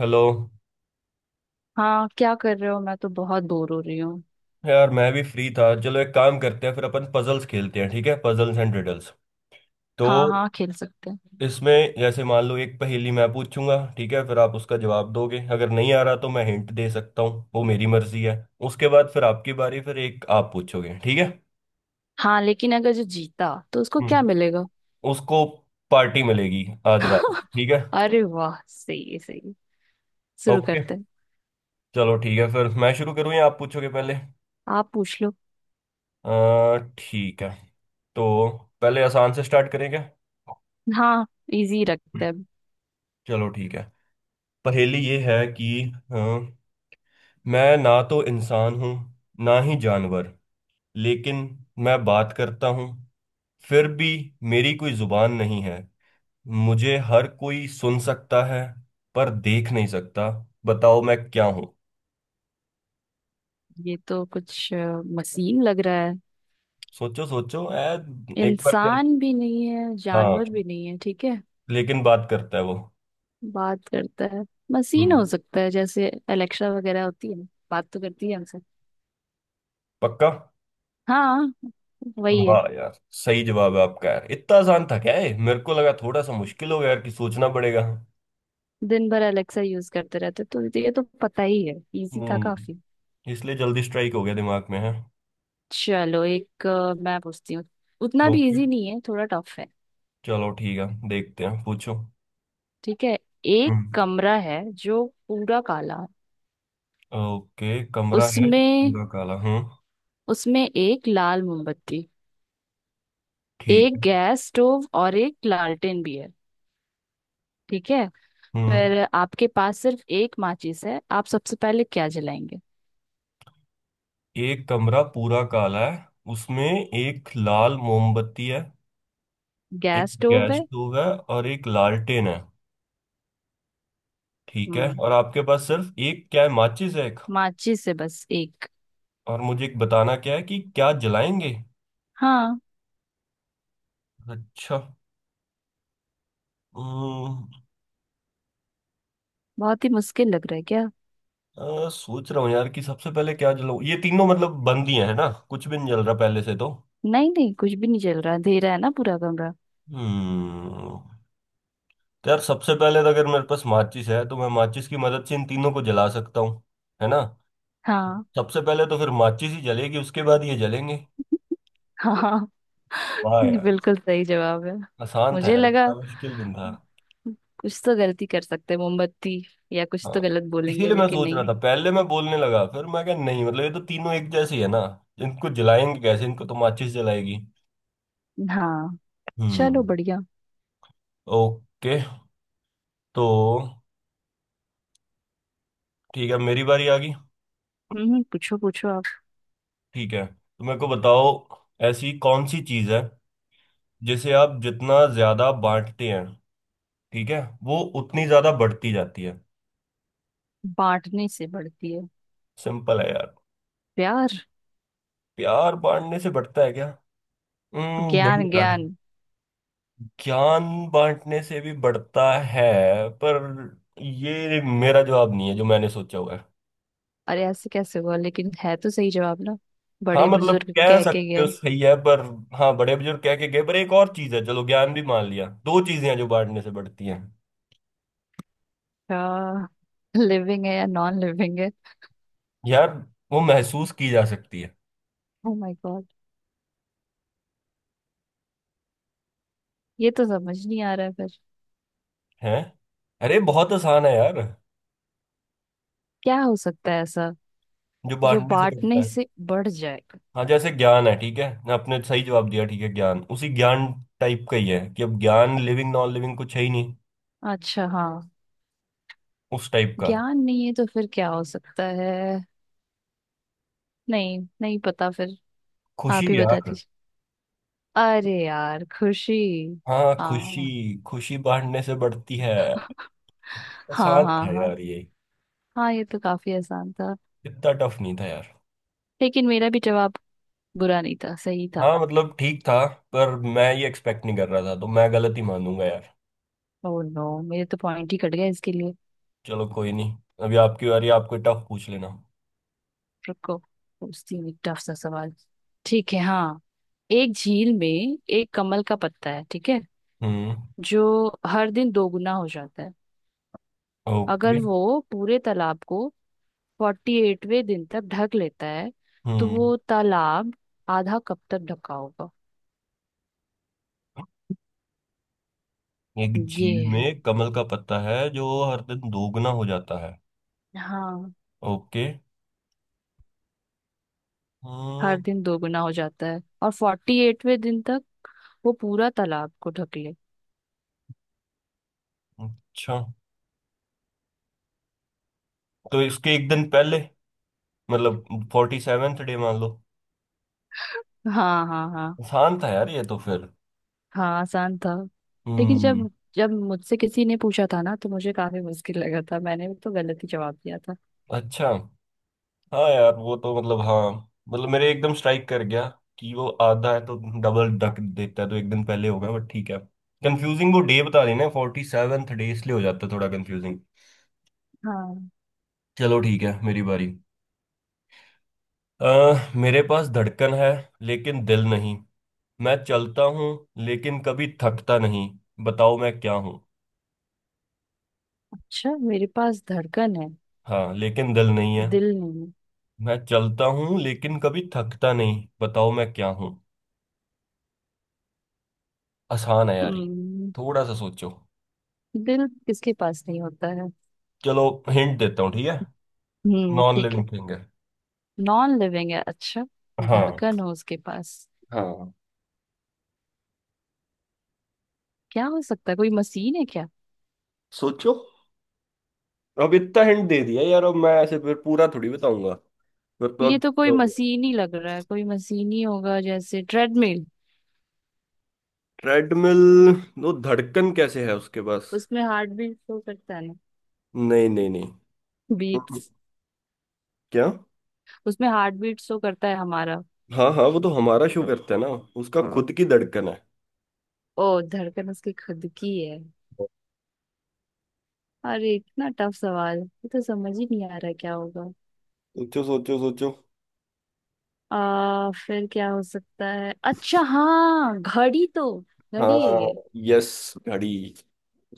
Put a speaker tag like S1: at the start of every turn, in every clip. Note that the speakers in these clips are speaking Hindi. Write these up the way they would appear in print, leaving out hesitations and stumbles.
S1: हेलो।
S2: हाँ, क्या कर रहे हो? मैं तो बहुत बोर हो रही हूँ।
S1: यार मैं भी फ्री था, चलो एक काम करते हैं, फिर अपन पजल्स खेलते हैं। ठीक है? Puzzles and riddles. तो
S2: हाँ हाँ, खेल सकते हैं।
S1: इसमें जैसे मान लो, एक पहेली मैं पूछूंगा, ठीक है? फिर आप उसका जवाब दोगे। अगर नहीं आ रहा तो मैं हिंट दे सकता हूँ, वो मेरी मर्जी है। उसके बाद फिर आपकी बारी, फिर एक आप पूछोगे, ठीक है?
S2: हाँ, लेकिन अगर जो जीता तो उसको क्या
S1: हम्म।
S2: मिलेगा?
S1: उसको पार्टी मिलेगी, आज रात। ठीक है?
S2: अरे वाह, सही है सही है। शुरू
S1: ओके।
S2: करते हैं।
S1: चलो ठीक है, फिर मैं शुरू करूँ या आप पूछोगे पहले?
S2: आप पूछ लो।
S1: ठीक है। तो पहले आसान से स्टार्ट करेंगे।
S2: हाँ, इजी रखते हैं।
S1: चलो ठीक है। पहेली ये है कि, हाँ, मैं ना तो इंसान हूँ, ना ही जानवर, लेकिन मैं बात करता हूँ। फिर भी मेरी कोई जुबान नहीं है, मुझे हर कोई सुन सकता है पर देख नहीं सकता। बताओ मैं क्या हूँ?
S2: ये तो कुछ मशीन लग रहा है।
S1: सोचो सोचो, ऐ! एक बार क्या?
S2: इंसान भी नहीं है,
S1: हाँ,
S2: जानवर भी नहीं है, ठीक है।
S1: लेकिन बात करता है वो।
S2: बात करता है। मशीन
S1: हम्म।
S2: हो सकता है, जैसे एलेक्सा वगैरह होती है। बात तो करती है हमसे।
S1: पक्का?
S2: हाँ, वही है।
S1: वाह यार, सही जवाब है आपका। यार इतना आसान था क्या ये? मेरे को लगा थोड़ा सा मुश्किल होगा यार, कि सोचना पड़ेगा।
S2: दिन भर अलेक्सा यूज करते रहते, तो ये तो पता ही है। इजी था
S1: हम्म।
S2: काफी।
S1: इसलिए जल्दी स्ट्राइक हो गया, दिमाग में है।
S2: चलो एक, मैं पूछती हूँ। उतना भी
S1: ओके,
S2: इजी नहीं है, थोड़ा टफ है।
S1: चलो ठीक है, देखते हैं, पूछो।
S2: ठीक है। एक
S1: हम्म।
S2: कमरा है जो पूरा काला है।
S1: ओके, कमरा है
S2: उसमें
S1: पूरा काला। हम्म।
S2: उसमें एक लाल मोमबत्ती,
S1: ठीक
S2: एक
S1: है।
S2: गैस स्टोव और एक लालटेन भी है, ठीक है।
S1: हम्म।
S2: फिर आपके पास सिर्फ एक माचिस है, आप सबसे पहले क्या जलाएंगे?
S1: एक कमरा पूरा काला है, उसमें एक लाल मोमबत्ती है, एक
S2: गैस स्टोव
S1: गैस
S2: है।
S1: स्टोव है, और एक लालटेन है। ठीक है,
S2: हम्म।
S1: और आपके पास सिर्फ एक क्या है? माचिस है एक।
S2: माचिस है, बस एक।
S1: और मुझे एक बताना क्या है कि क्या जलाएंगे?
S2: हाँ।
S1: अच्छा। हम्म,
S2: बहुत ही मुश्किल लग रहा है क्या?
S1: सोच रहा हूँ यार, कि सबसे पहले क्या जलाऊं। ये तीनों मतलब बंद ही है ना, कुछ भी नहीं जल रहा पहले से तो।
S2: नहीं नहीं, कुछ भी नहीं चल रहा, अंधेरा है ना पूरा कमरा।
S1: हम्म। तो यार सबसे पहले तो अगर मेरे पास माचिस है, तो मैं माचिस की मदद से इन तीनों को जला सकता हूँ, है ना?
S2: हाँ।
S1: सबसे पहले तो फिर माचिस ही जलेगी, उसके बाद ये जलेंगे।
S2: हाँ।
S1: वाह यार,
S2: बिल्कुल सही जवाब है।
S1: आसान था
S2: मुझे
S1: यार,
S2: लगा
S1: इतना मुश्किल भी नहीं था।
S2: कुछ तो गलती कर सकते हैं, मोमबत्ती या कुछ तो
S1: हाँ,
S2: गलत बोलेंगे,
S1: इसीलिए मैं
S2: लेकिन
S1: सोच रहा
S2: नहीं।
S1: था, पहले मैं बोलने लगा, फिर मैं कहा नहीं, मतलब ये तो तीनों एक जैसे ही है ना। इनको जलाएंगे कैसे? इनको तो माचिस जलाएगी।
S2: हाँ। चलो
S1: हम्म।
S2: बढ़िया।
S1: ओके। तो ठीक है, मेरी बारी आ गई।
S2: पूछो पूछो आप।
S1: ठीक है, तो मेरे को बताओ, ऐसी कौन सी चीज है जिसे आप जितना ज्यादा बांटते हैं, ठीक है, वो उतनी ज्यादा बढ़ती जाती है?
S2: बांटने से बढ़ती है।
S1: सिंपल है यार।
S2: प्यार।
S1: प्यार बांटने से बढ़ता है क्या? नहीं
S2: ज्ञान,
S1: यार।
S2: ज्ञान।
S1: ज्ञान बांटने से भी बढ़ता है, पर ये मेरा जवाब नहीं है जो मैंने सोचा हुआ है।
S2: अरे ऐसे कैसे हुआ? लेकिन है तो सही जवाब ना।
S1: हाँ
S2: बड़े
S1: मतलब
S2: बुजुर्ग
S1: कह
S2: कह के
S1: सकते हो,
S2: गए।
S1: सही है, पर। हाँ, बड़े बुजुर्ग कह के गए, पर एक और चीज है। चलो ज्ञान भी मान लिया, दो चीजें हैं जो बांटने से बढ़ती हैं।
S2: क्या? लिविंग है या नॉन लिविंग है?
S1: यार वो महसूस की जा सकती है।
S2: Oh my god. ये तो समझ नहीं आ रहा है फिर।
S1: हैं? अरे, बहुत आसान है यार।
S2: क्या हो सकता है ऐसा?
S1: जो
S2: जो
S1: बांटने से
S2: बांटने
S1: बढ़ता है।
S2: से बढ़ जाएगा।
S1: हाँ जैसे ज्ञान है, ठीक है ना, आपने सही जवाब दिया, ठीक है, ज्ञान उसी ज्ञान टाइप का ही है, कि अब ज्ञान लिविंग नॉन लिविंग कुछ है ही नहीं।
S2: अच्छा हाँ।
S1: उस टाइप का।
S2: ज्ञान नहीं है तो फिर क्या हो सकता है? नहीं, नहीं पता फिर। आप
S1: खुशी
S2: ही बता
S1: यार।
S2: दीजिए। अरे यार, खुशी।
S1: हाँ, खुशी।
S2: हाँ।
S1: खुशी बांटने से बढ़ती है।
S2: हाँ
S1: आसान
S2: हाँ
S1: था
S2: हाँ।
S1: यार ये।
S2: हाँ, ये तो काफी आसान था।
S1: इतना टफ नहीं था यार।
S2: लेकिन मेरा भी जवाब बुरा नहीं था, सही था।
S1: हाँ, मतलब ठीक था। पर मैं ये एक्सपेक्ट नहीं कर रहा था, तो मैं गलत ही मानूंगा यार।
S2: ओह नो, मेरे तो पॉइंट ही कट गया इसके लिए।
S1: चलो, कोई नहीं। अभी आपकी बारी, आपको टफ पूछ लेना।
S2: रुको। पूछती हूँ टफ सा सवाल। ठीक है, हाँ। एक झील में एक कमल का पत्ता है, ठीक है,
S1: हम्म।
S2: जो हर दिन दोगुना हो जाता है। अगर
S1: ओके।
S2: वो पूरे तालाब को 48वें दिन तक ढक लेता है, तो
S1: हम्म।
S2: वो तालाब आधा कब तक ढका होगा?
S1: एक
S2: ये
S1: झील
S2: है।
S1: में कमल का पत्ता है जो हर दिन दोगुना हो जाता है।
S2: हाँ।
S1: ओके। हम्म।
S2: हर दिन दोगुना हो जाता है और 48वें दिन तक वो पूरा तालाब को ढक ले।
S1: अच्छा, तो इसके एक दिन पहले, मतलब 47th डे मान लो।
S2: हाँ हाँ हाँ।
S1: आसान था यार ये तो फिर।
S2: हाँ, आसान था। लेकिन
S1: हम्म।
S2: जब जब मुझसे किसी ने पूछा था ना, तो मुझे काफी मुश्किल लगा था, मैंने तो गलत ही जवाब दिया था।
S1: अच्छा, हाँ यार वो तो मतलब, हाँ। मतलब मेरे एकदम स्ट्राइक कर गया कि वो आधा है तो डबल रख देता है, तो एक दिन पहले होगा, बट ठीक है। कंफ्यूजिंग, वो डे बता देना 47th डे, इसलिए हो जाता है थोड़ा कंफ्यूजिंग।
S2: हाँ।
S1: चलो ठीक है, मेरी बारी। मेरे पास धड़कन है, लेकिन दिल नहीं। मैं चलता हूँ, लेकिन कभी थकता नहीं। बताओ मैं क्या हूँ?
S2: अच्छा, मेरे पास धड़कन है।
S1: हाँ, लेकिन दिल नहीं है।
S2: दिल
S1: मैं चलता हूँ, लेकिन कभी थकता नहीं। बताओ मैं क्या हूँ? आसान है यार ये।
S2: नहीं।
S1: थोड़ा सा सोचो।
S2: दिल किसके पास नहीं होता है?
S1: चलो, हिंट देता हूँ, ठीक है।
S2: हम्म,
S1: नॉन
S2: ठीक है।
S1: लिविंग थिंग है।
S2: नॉन लिविंग है, अच्छा।
S1: हाँ,
S2: धड़कन हो उसके पास।
S1: हाँ।
S2: क्या हो सकता है, कोई मशीन है क्या?
S1: सोचो। अब इतना हिंट दे दिया यार, अब मैं ऐसे फिर पूरा थोड़ी बताऊंगा। फिर तो
S2: ये
S1: अब
S2: तो कोई
S1: क्या हो गया।
S2: मशीन ही लग रहा है, कोई मशीन ही होगा जैसे ट्रेडमिल।
S1: ट्रेडमिल? वो धड़कन कैसे है उसके पास?
S2: उसमें हार्ट बीट शो करता है ना।
S1: नहीं, नहीं, नहीं। हम्म।
S2: बीट्स।
S1: क्या?
S2: उसमें हार्ट बीट शो करता है हमारा।
S1: हाँ हाँ, वो तो हमारा शो करता है ना उसका। हाँ, खुद की धड़कन है।
S2: ओ, धड़कन उसकी खुद की है। अरे इतना टफ सवाल, ये तो समझ ही नहीं आ रहा क्या होगा।
S1: सोचो, सोचो, सोचो।
S2: आ, फिर क्या हो सकता है? अच्छा हाँ, घड़ी तो। घड़ी है
S1: हाँ,
S2: ये।
S1: यस, घड़ी।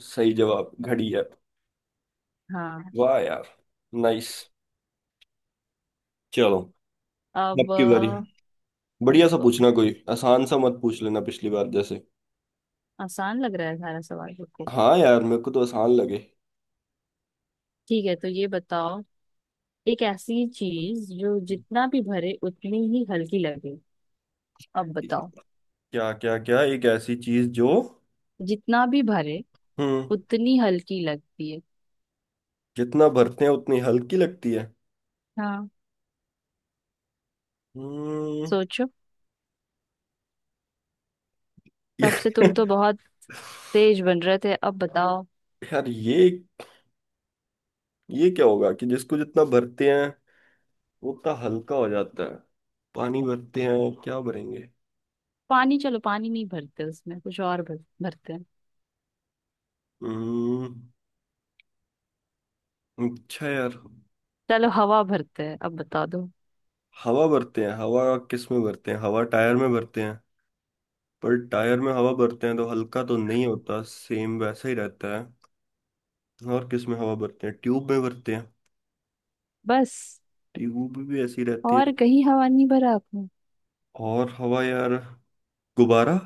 S1: सही जवाब घड़ी है।
S2: हाँ।
S1: वाह यार। नाइस। चलो,
S2: अब
S1: आपकी बारी। बढ़िया सा
S2: बिल्कुल
S1: पूछना, कोई आसान सा मत पूछ लेना पिछली बार जैसे।
S2: आसान लग रहा है सारा सवाल, बिल्कुल।
S1: हाँ यार, मेरे को तो आसान लगे।
S2: ठीक है, तो ये बताओ। एक ऐसी चीज जो जितना भी भरे, उतनी ही हल्की लगे। अब बताओ।
S1: क्या, क्या, क्या? एक ऐसी चीज जो।
S2: जितना भी भरे,
S1: हम्म।
S2: उतनी हल्की लगती है।
S1: जितना भरते हैं उतनी हल्की लगती है।
S2: हाँ।
S1: हम्म।
S2: सोचो।
S1: ये-
S2: तब से तुम तो बहुत तेज बन रहे थे, अब बताओ।
S1: यार, ये क्या होगा कि जिसको जितना भरते हैं वो उतना हल्का हो जाता है? पानी भरते हैं? क्या भरेंगे?
S2: पानी, चलो पानी नहीं भरते, उसमें कुछ और भरते हैं।
S1: हम्म। अच्छा यार।
S2: चलो हवा भरते हैं, अब बता दो।
S1: हवा भरते हैं। हवा किस में भरते हैं? हवा टायर में भरते हैं। पर टायर में हवा भरते हैं तो हल्का तो नहीं होता, सेम वैसा ही रहता है। और किस में हवा भरते हैं? ट्यूब में भरते हैं।
S2: बस।
S1: ट्यूब भी ऐसी रहती है।
S2: और कहीं हवा नहीं भरा आपने?
S1: और हवा, यार, गुब्बारा।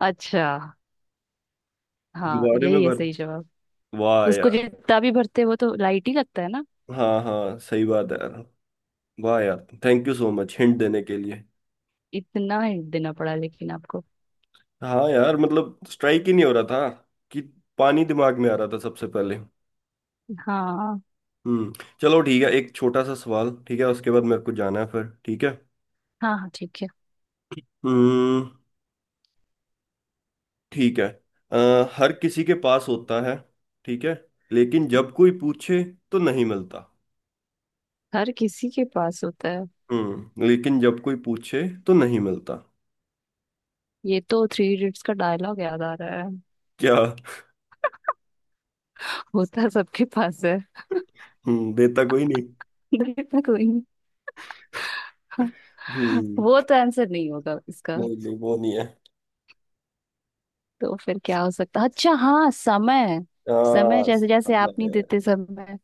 S2: अच्छा हाँ,
S1: गुब्बारे में
S2: यही है
S1: भर।
S2: सही जवाब।
S1: वाह
S2: उसको
S1: यार।
S2: जितना भी भरते हैं, वो तो लाइट ही लगता है ना।
S1: हाँ हाँ, सही बात है यार। वाह यार, thank you so much hint देने के लिए।
S2: इतना हिंट देना पड़ा लेकिन आपको।
S1: हाँ यार, मतलब स्ट्राइक ही नहीं हो रहा था, कि पानी दिमाग में आ रहा था सबसे पहले।
S2: हाँ
S1: हम्म। चलो ठीक है, एक छोटा सा सवाल, ठीक है? उसके बाद मेरे को जाना है फिर, ठीक है?
S2: हाँ, हाँ ठीक है।
S1: हम्म। ठीक है। हर किसी के पास होता है, ठीक है, लेकिन जब कोई पूछे, तो नहीं मिलता।
S2: हर किसी के पास होता है।
S1: हम्म, लेकिन जब कोई पूछे तो नहीं मिलता।
S2: ये तो थ्री इडियट्स का डायलॉग याद आ रहा है।
S1: क्या?
S2: होता सबके पास है।
S1: हम्म, देता कोई नहीं।
S2: देखना कोई नहीं। वो
S1: हम्म।
S2: तो आंसर नहीं होगा इसका।
S1: नहीं नहीं, वो नहीं है।
S2: तो फिर क्या हो सकता? अच्छा हाँ, समय। समय, जैसे
S1: आ,
S2: जैसे आप नहीं देते समय।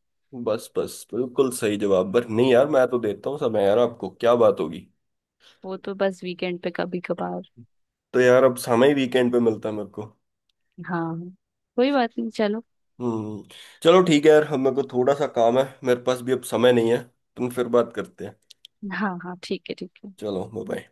S1: बस बस, बिल्कुल सही जवाब। पर नहीं यार, मैं तो देता हूँ समय यार, आपको क्या बात होगी?
S2: वो तो बस वीकेंड पे, कभी कभार।
S1: तो यार अब समय वीकेंड पे मिलता है मेरे को।
S2: हाँ। कोई बात नहीं, चलो।
S1: हम्म। चलो ठीक है यार, अब मेरे को थोड़ा सा काम है, मेरे पास भी अब समय नहीं है। तुम, फिर बात करते हैं।
S2: हाँ हाँ, ठीक है ठीक है।
S1: चलो, बाय।